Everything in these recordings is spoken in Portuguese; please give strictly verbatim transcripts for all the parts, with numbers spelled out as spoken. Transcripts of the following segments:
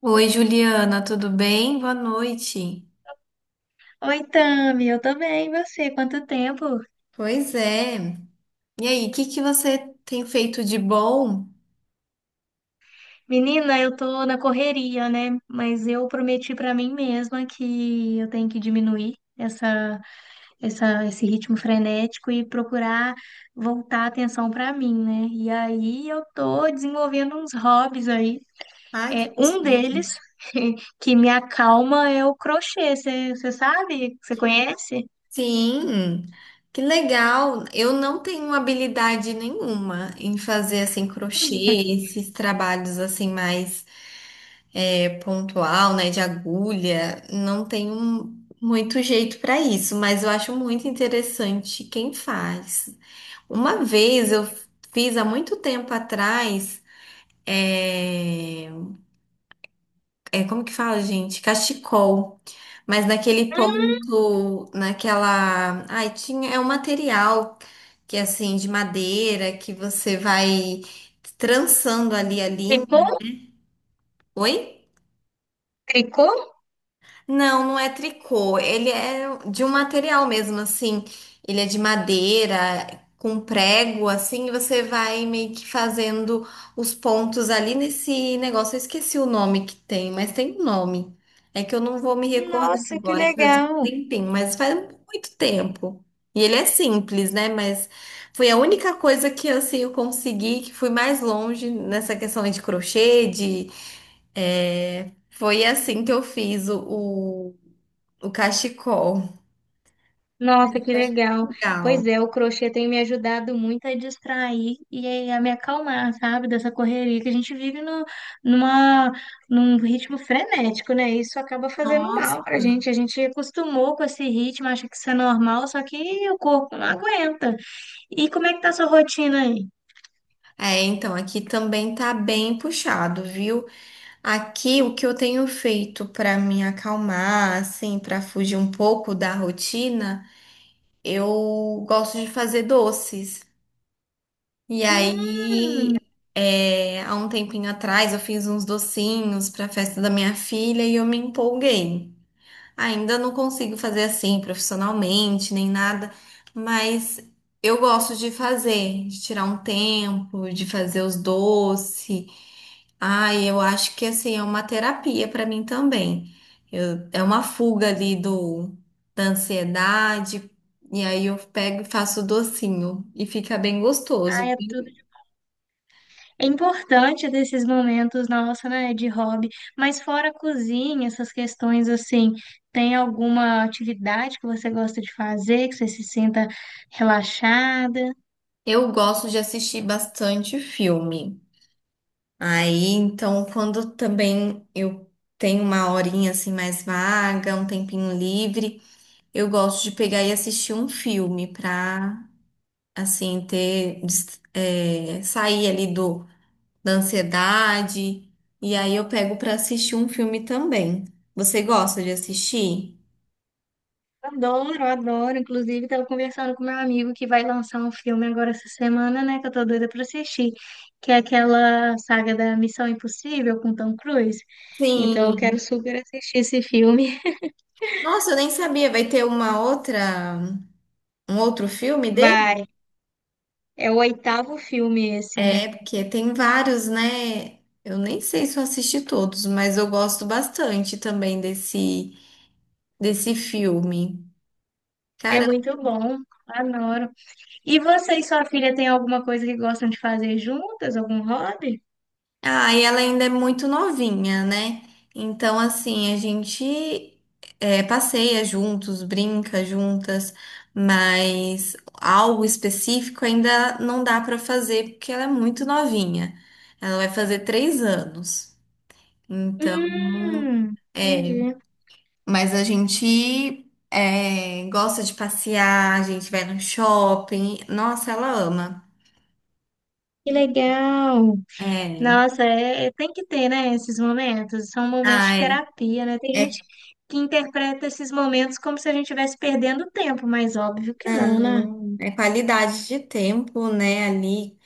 Oi, Juliana, tudo bem? Boa noite. Oi, Tami, eu também, e você? Quanto tempo? Pois é. E aí, o que que você tem feito de bom? Menina, eu tô na correria, né? Mas eu prometi pra mim mesma que eu tenho que diminuir essa, essa, esse ritmo frenético e procurar voltar a atenção pra mim, né? E aí eu tô desenvolvendo uns hobbies aí. Ai, que É, um gostoso. deles que me acalma é o crochê. Você sabe? Você conhece? Sim, que legal. Eu não tenho habilidade nenhuma em fazer assim crochê, Hum, esses trabalhos assim mais é, pontual, né, de agulha. Não tenho muito jeito para isso, mas eu acho muito interessante quem faz. Uma vez eu fiz há muito tempo atrás. É, é, como que fala, gente? Cachecol. Mas naquele ponto, naquela... Ai, tinha... É um material que, assim, de madeira, que você vai trançando ali a linha. Tricô? Oi? Tricô? Não, não é tricô. Ele é de um material mesmo, assim. Ele é de madeira, com prego, assim, e você vai meio que fazendo os pontos ali nesse negócio. Eu esqueci o nome que tem, mas tem um nome. É que eu não vou me recordar Nossa, que agora, que faz um legal! tempinho, mas faz um muito tempo. E ele é simples, né? Mas foi a única coisa que assim, eu consegui, que fui mais longe nessa questão aí de crochê, de... é, Foi assim que eu fiz o, o- o cachecol. Nossa, que legal. Pois Legal. é, o crochê tem me ajudado muito a distrair e a me acalmar, sabe, dessa correria que a gente vive no, numa, num ritmo frenético, né? Isso acaba fazendo Nossa. mal pra gente. A gente acostumou com esse ritmo, acha que isso é normal, só que o corpo não aguenta. E como é que tá a sua rotina aí? É, então aqui também tá bem puxado, viu? Aqui o que eu tenho feito para me acalmar, assim, para fugir um pouco da rotina, eu gosto de fazer doces. E Hum, aí, é, há um tempinho atrás, eu fiz uns docinhos para a festa da minha filha e eu me empolguei. Ainda não consigo fazer assim profissionalmente, nem nada, mas eu gosto de fazer, de tirar um tempo, de fazer os doces. Ai, eu acho que assim é uma terapia para mim também. Eu- é uma fuga ali do da ansiedade, e aí eu pego e faço o docinho e fica bem ah, gostoso. é É importante ter esses momentos, nossa, né, de hobby, mas fora a cozinha, essas questões assim, tem alguma atividade que você gosta de fazer, que você se sinta relaxada? Eu gosto de assistir bastante filme. Aí, então, quando também eu tenho uma horinha assim mais vaga, um tempinho livre, eu gosto de pegar e assistir um filme pra, assim, ter, des- é, sair ali do, da ansiedade. E aí eu pego pra assistir um filme também. Você gosta de assistir? Adoro, adoro. Inclusive, estava conversando com meu amigo que vai lançar um filme agora essa semana, né, que eu tô doida para assistir, que é aquela saga da Missão Impossível com Tom Cruise. Então, eu quero Sim. super assistir esse filme. Nossa, eu nem sabia. Vai ter uma outra, um outro filme dele? Vai. É o oitavo filme esse, né? É, porque tem vários, né? Eu nem sei se eu assisti todos, mas eu gosto bastante também desse, desse filme. É Cara... muito bom. Adoro. E você e sua filha têm alguma coisa que gostam de fazer juntas? Algum hobby? Ah, e ela ainda é muito novinha, né? Então, assim, a gente é, passeia juntos, brinca juntas, mas algo específico ainda não dá pra fazer porque ela é muito novinha. Ela vai fazer três anos. Então, Hum, é. entendi. Mas a gente é, gosta de passear, a gente vai no shopping. Nossa, ela ama. Que legal. É, Nossa, é, é- tem que ter, né, esses momentos. São momentos de ai, terapia, né? Tem gente é, que interpreta esses momentos como se a gente estivesse perdendo tempo, mas óbvio que não, né? não, é qualidade de tempo, né? Ali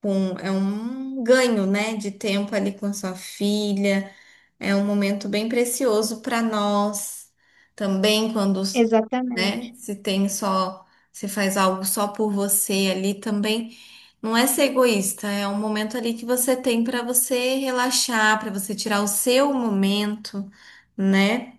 com, é um ganho, né? De tempo ali com a sua filha. É um momento bem precioso para nós também, quando, né, Exatamente. se tem só, se faz algo só por você ali também. Não é ser egoísta, é um momento ali que você tem para você relaxar, para você tirar o seu momento, né?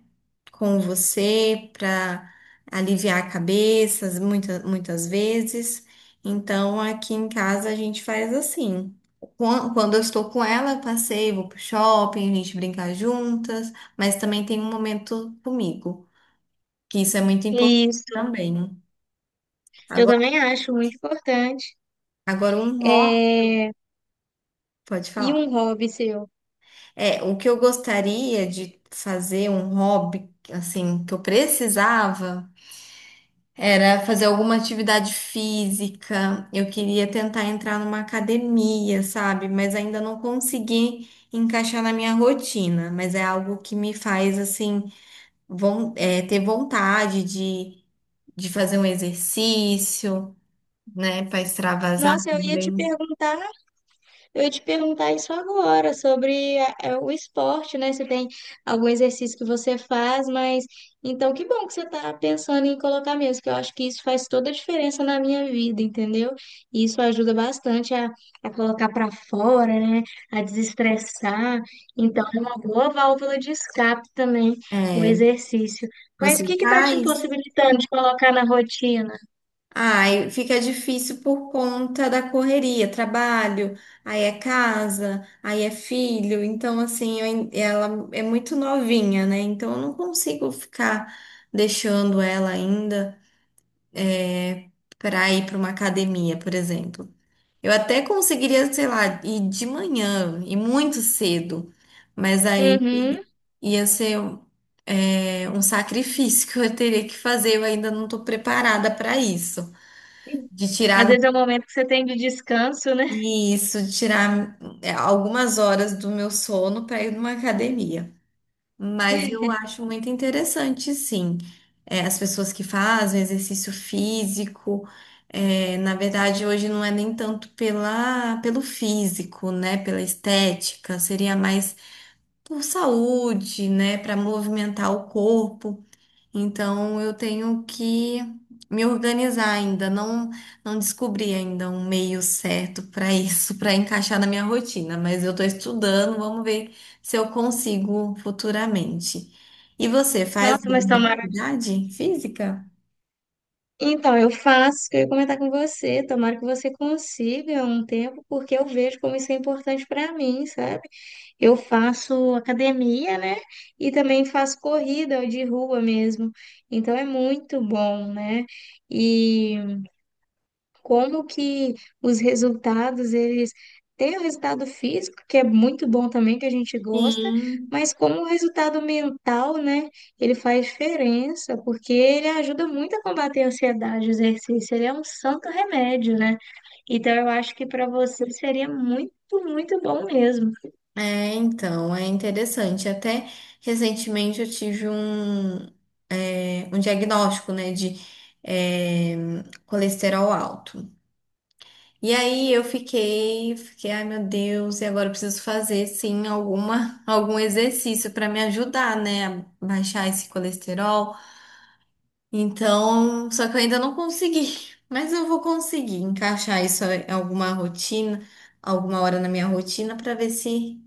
Com você para aliviar a cabeça muitas, muitas vezes. Então, aqui em casa a gente faz assim. Quan- Quando eu estou com ela, eu passeio, vou pro shopping, a gente brinca juntas, mas também tem um momento comigo, que isso é muito importante Isso. também. Eu Agora, também acho muito importante. agora um hobby, É... pode E falar. um hobby seu? É, o que eu gostaria de fazer, um hobby, assim, que eu precisava. Era fazer alguma atividade física. Eu queria tentar entrar numa academia, sabe? Mas ainda não consegui encaixar na minha rotina. Mas é algo que me faz, assim, von- é, ter vontade de, de fazer um exercício, né? Para extravasar Nossa, eu ia te também. perguntar Eu ia te perguntar isso agora, sobre a- é, o esporte, né? Você tem algum exercício que você faz, mas então que bom que você está pensando em colocar mesmo, que eu acho que isso faz toda a diferença na minha vida, entendeu? E isso ajuda bastante a, a colocar para fora, né? A desestressar. Então é uma boa válvula de escape também, o É, exercício. Mas o você que que está te faz? impossibilitando de colocar na rotina? Ai, fica difícil por conta da correria, trabalho, aí é casa, aí é filho, então assim, eu ain- ela é muito novinha, né? Então eu não consigo ficar deixando ela ainda para ir para uma academia, por exemplo. Eu até conseguiria, sei lá, ir de manhã e muito cedo, mas aí Uhum. ia ser um, é, um sacrifício que eu teria que fazer, eu ainda não estou preparada para isso, de Às tirar... vezes é o momento que você tem de descanso, né? E isso, tirar é, algumas horas do meu sono para ir numa academia. Mas eu acho muito interessante, sim. É, as pessoas que fazem exercício físico, é, na verdade, hoje não é nem tanto pela, pelo físico, né? Pela estética, seria mais por saúde, né? Para movimentar o corpo. Então eu tenho que me organizar ainda, não não descobri ainda um meio certo para isso, para encaixar na minha rotina, mas eu estou estudando, vamos ver se eu consigo futuramente. E você faz Nossa, mas tomara. atividade física? Então, eu faço, isso que eu ia comentar com você, tomara que você consiga um tempo, porque eu vejo como isso é importante para mim, sabe? Eu faço academia, né? E também faço corrida de rua mesmo. Então é muito bom, né? E como que os resultados, eles têm o resultado físico, que é muito bom também, que a gente gosta, Sim. mas como o resultado mental, né, ele faz diferença, porque ele ajuda muito a combater a ansiedade, o exercício, ele é um santo remédio, né? Então eu acho que para você seria muito, muito bom mesmo. É, então, é interessante. Até recentemente eu tive um, é, um diagnóstico, né, de é, colesterol alto. E aí eu fiquei, fiquei, ai meu Deus, e agora eu preciso fazer sim alguma, algum exercício para me ajudar, né, a baixar esse colesterol. Então, só que eu ainda não consegui, mas eu vou conseguir encaixar isso em alguma rotina, alguma hora na minha rotina para ver se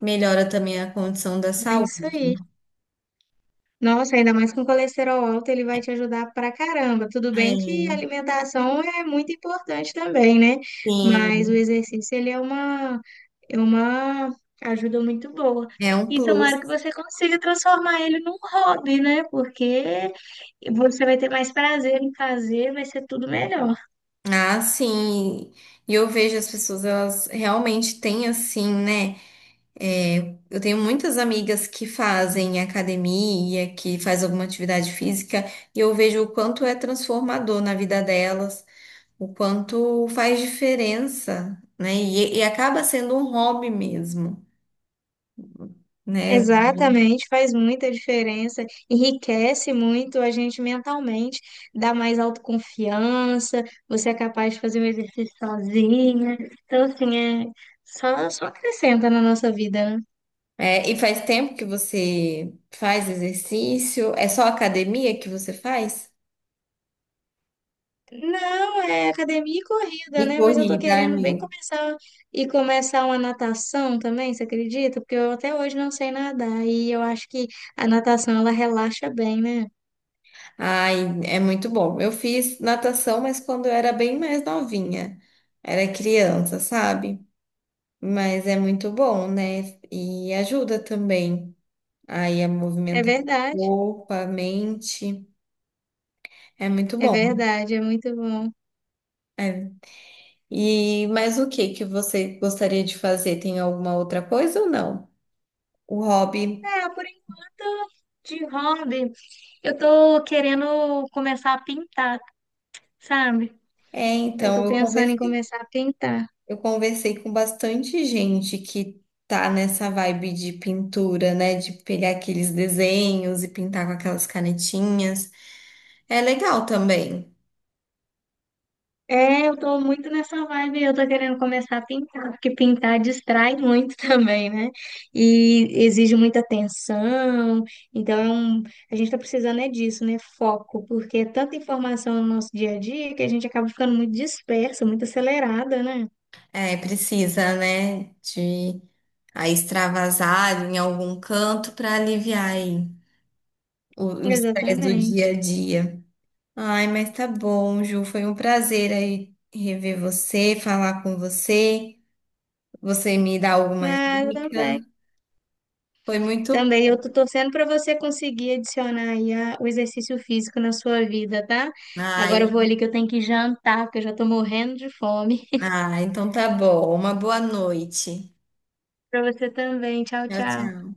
melhora também a condição da É isso aí. saúde. Nossa, ainda mais com colesterol alto, ele vai te ajudar pra caramba. Tudo É, bem que a alimentação é muito importante também, né? Mas o sim, exercício, ele é uma, é uma ajuda muito boa. é um E tomara que plus. você consiga transformar ele num hobby, né? Porque você vai ter mais prazer em fazer, vai ser tudo melhor. Ah, sim. E eu vejo as pessoas, elas realmente têm assim, né? É, eu tenho muitas amigas que fazem academia, que faz alguma atividade física, e eu vejo o quanto é transformador na vida delas, o quanto faz diferença, né? E, e acaba sendo um hobby mesmo, né? Exatamente, faz muita diferença, enriquece muito a gente mentalmente, dá mais autoconfiança, você é capaz de fazer um exercício sozinha. Então, assim, é só, só acrescenta na nossa vida, né? É, e faz tempo que você faz exercício? É só academia que você faz? Não, é academia e E corrida, né? Mas eu tô corrida, querendo bem amiga. começar e começar uma natação também, você acredita? Porque eu até hoje não sei nadar e eu acho que a natação ela relaxa bem, né? Ai, é muito bom. Eu fiz natação, mas quando eu era bem mais novinha, era criança, sabe? Mas é muito bom, né? E ajuda também aí a É movimentar o verdade, corpo, a mente. É muito é bom. verdade, é muito bom. É. E mas o que que você gostaria de fazer? Tem alguma outra coisa ou não? O hobby. É, por enquanto, de hobby, eu tô querendo começar a pintar, sabe? É, Eu então tô eu pensando em conversei, começar a pintar. eu conversei com bastante gente que tá nessa vibe de pintura, né? De pegar aqueles desenhos e pintar com aquelas canetinhas. É legal também. É, eu tô muito nessa vibe, eu tô querendo começar a pintar, porque pintar distrai muito também, né? E exige muita atenção, então é um- a gente tá precisando é disso, né? Foco, porque é tanta informação no nosso dia a dia que a gente acaba ficando muito dispersa, muito acelerada, né? É, precisa, né? De a extravasar em algum canto para aliviar aí o o estresse do dia a Exatamente. dia. Ai, mas tá bom, Ju, foi um prazer aí rever você, falar com você, você me dar algumas Ah, eu dicas. também. Foi muito... Também eu tô torcendo para você conseguir adicionar aí a- o exercício físico na sua vida, tá? Agora Ai, eu vou ali que eu tenho que jantar, porque eu já tô morrendo de fome. ah, então tá bom. Uma boa noite. Para você também. Tchau, Tchau, tchau. tchau.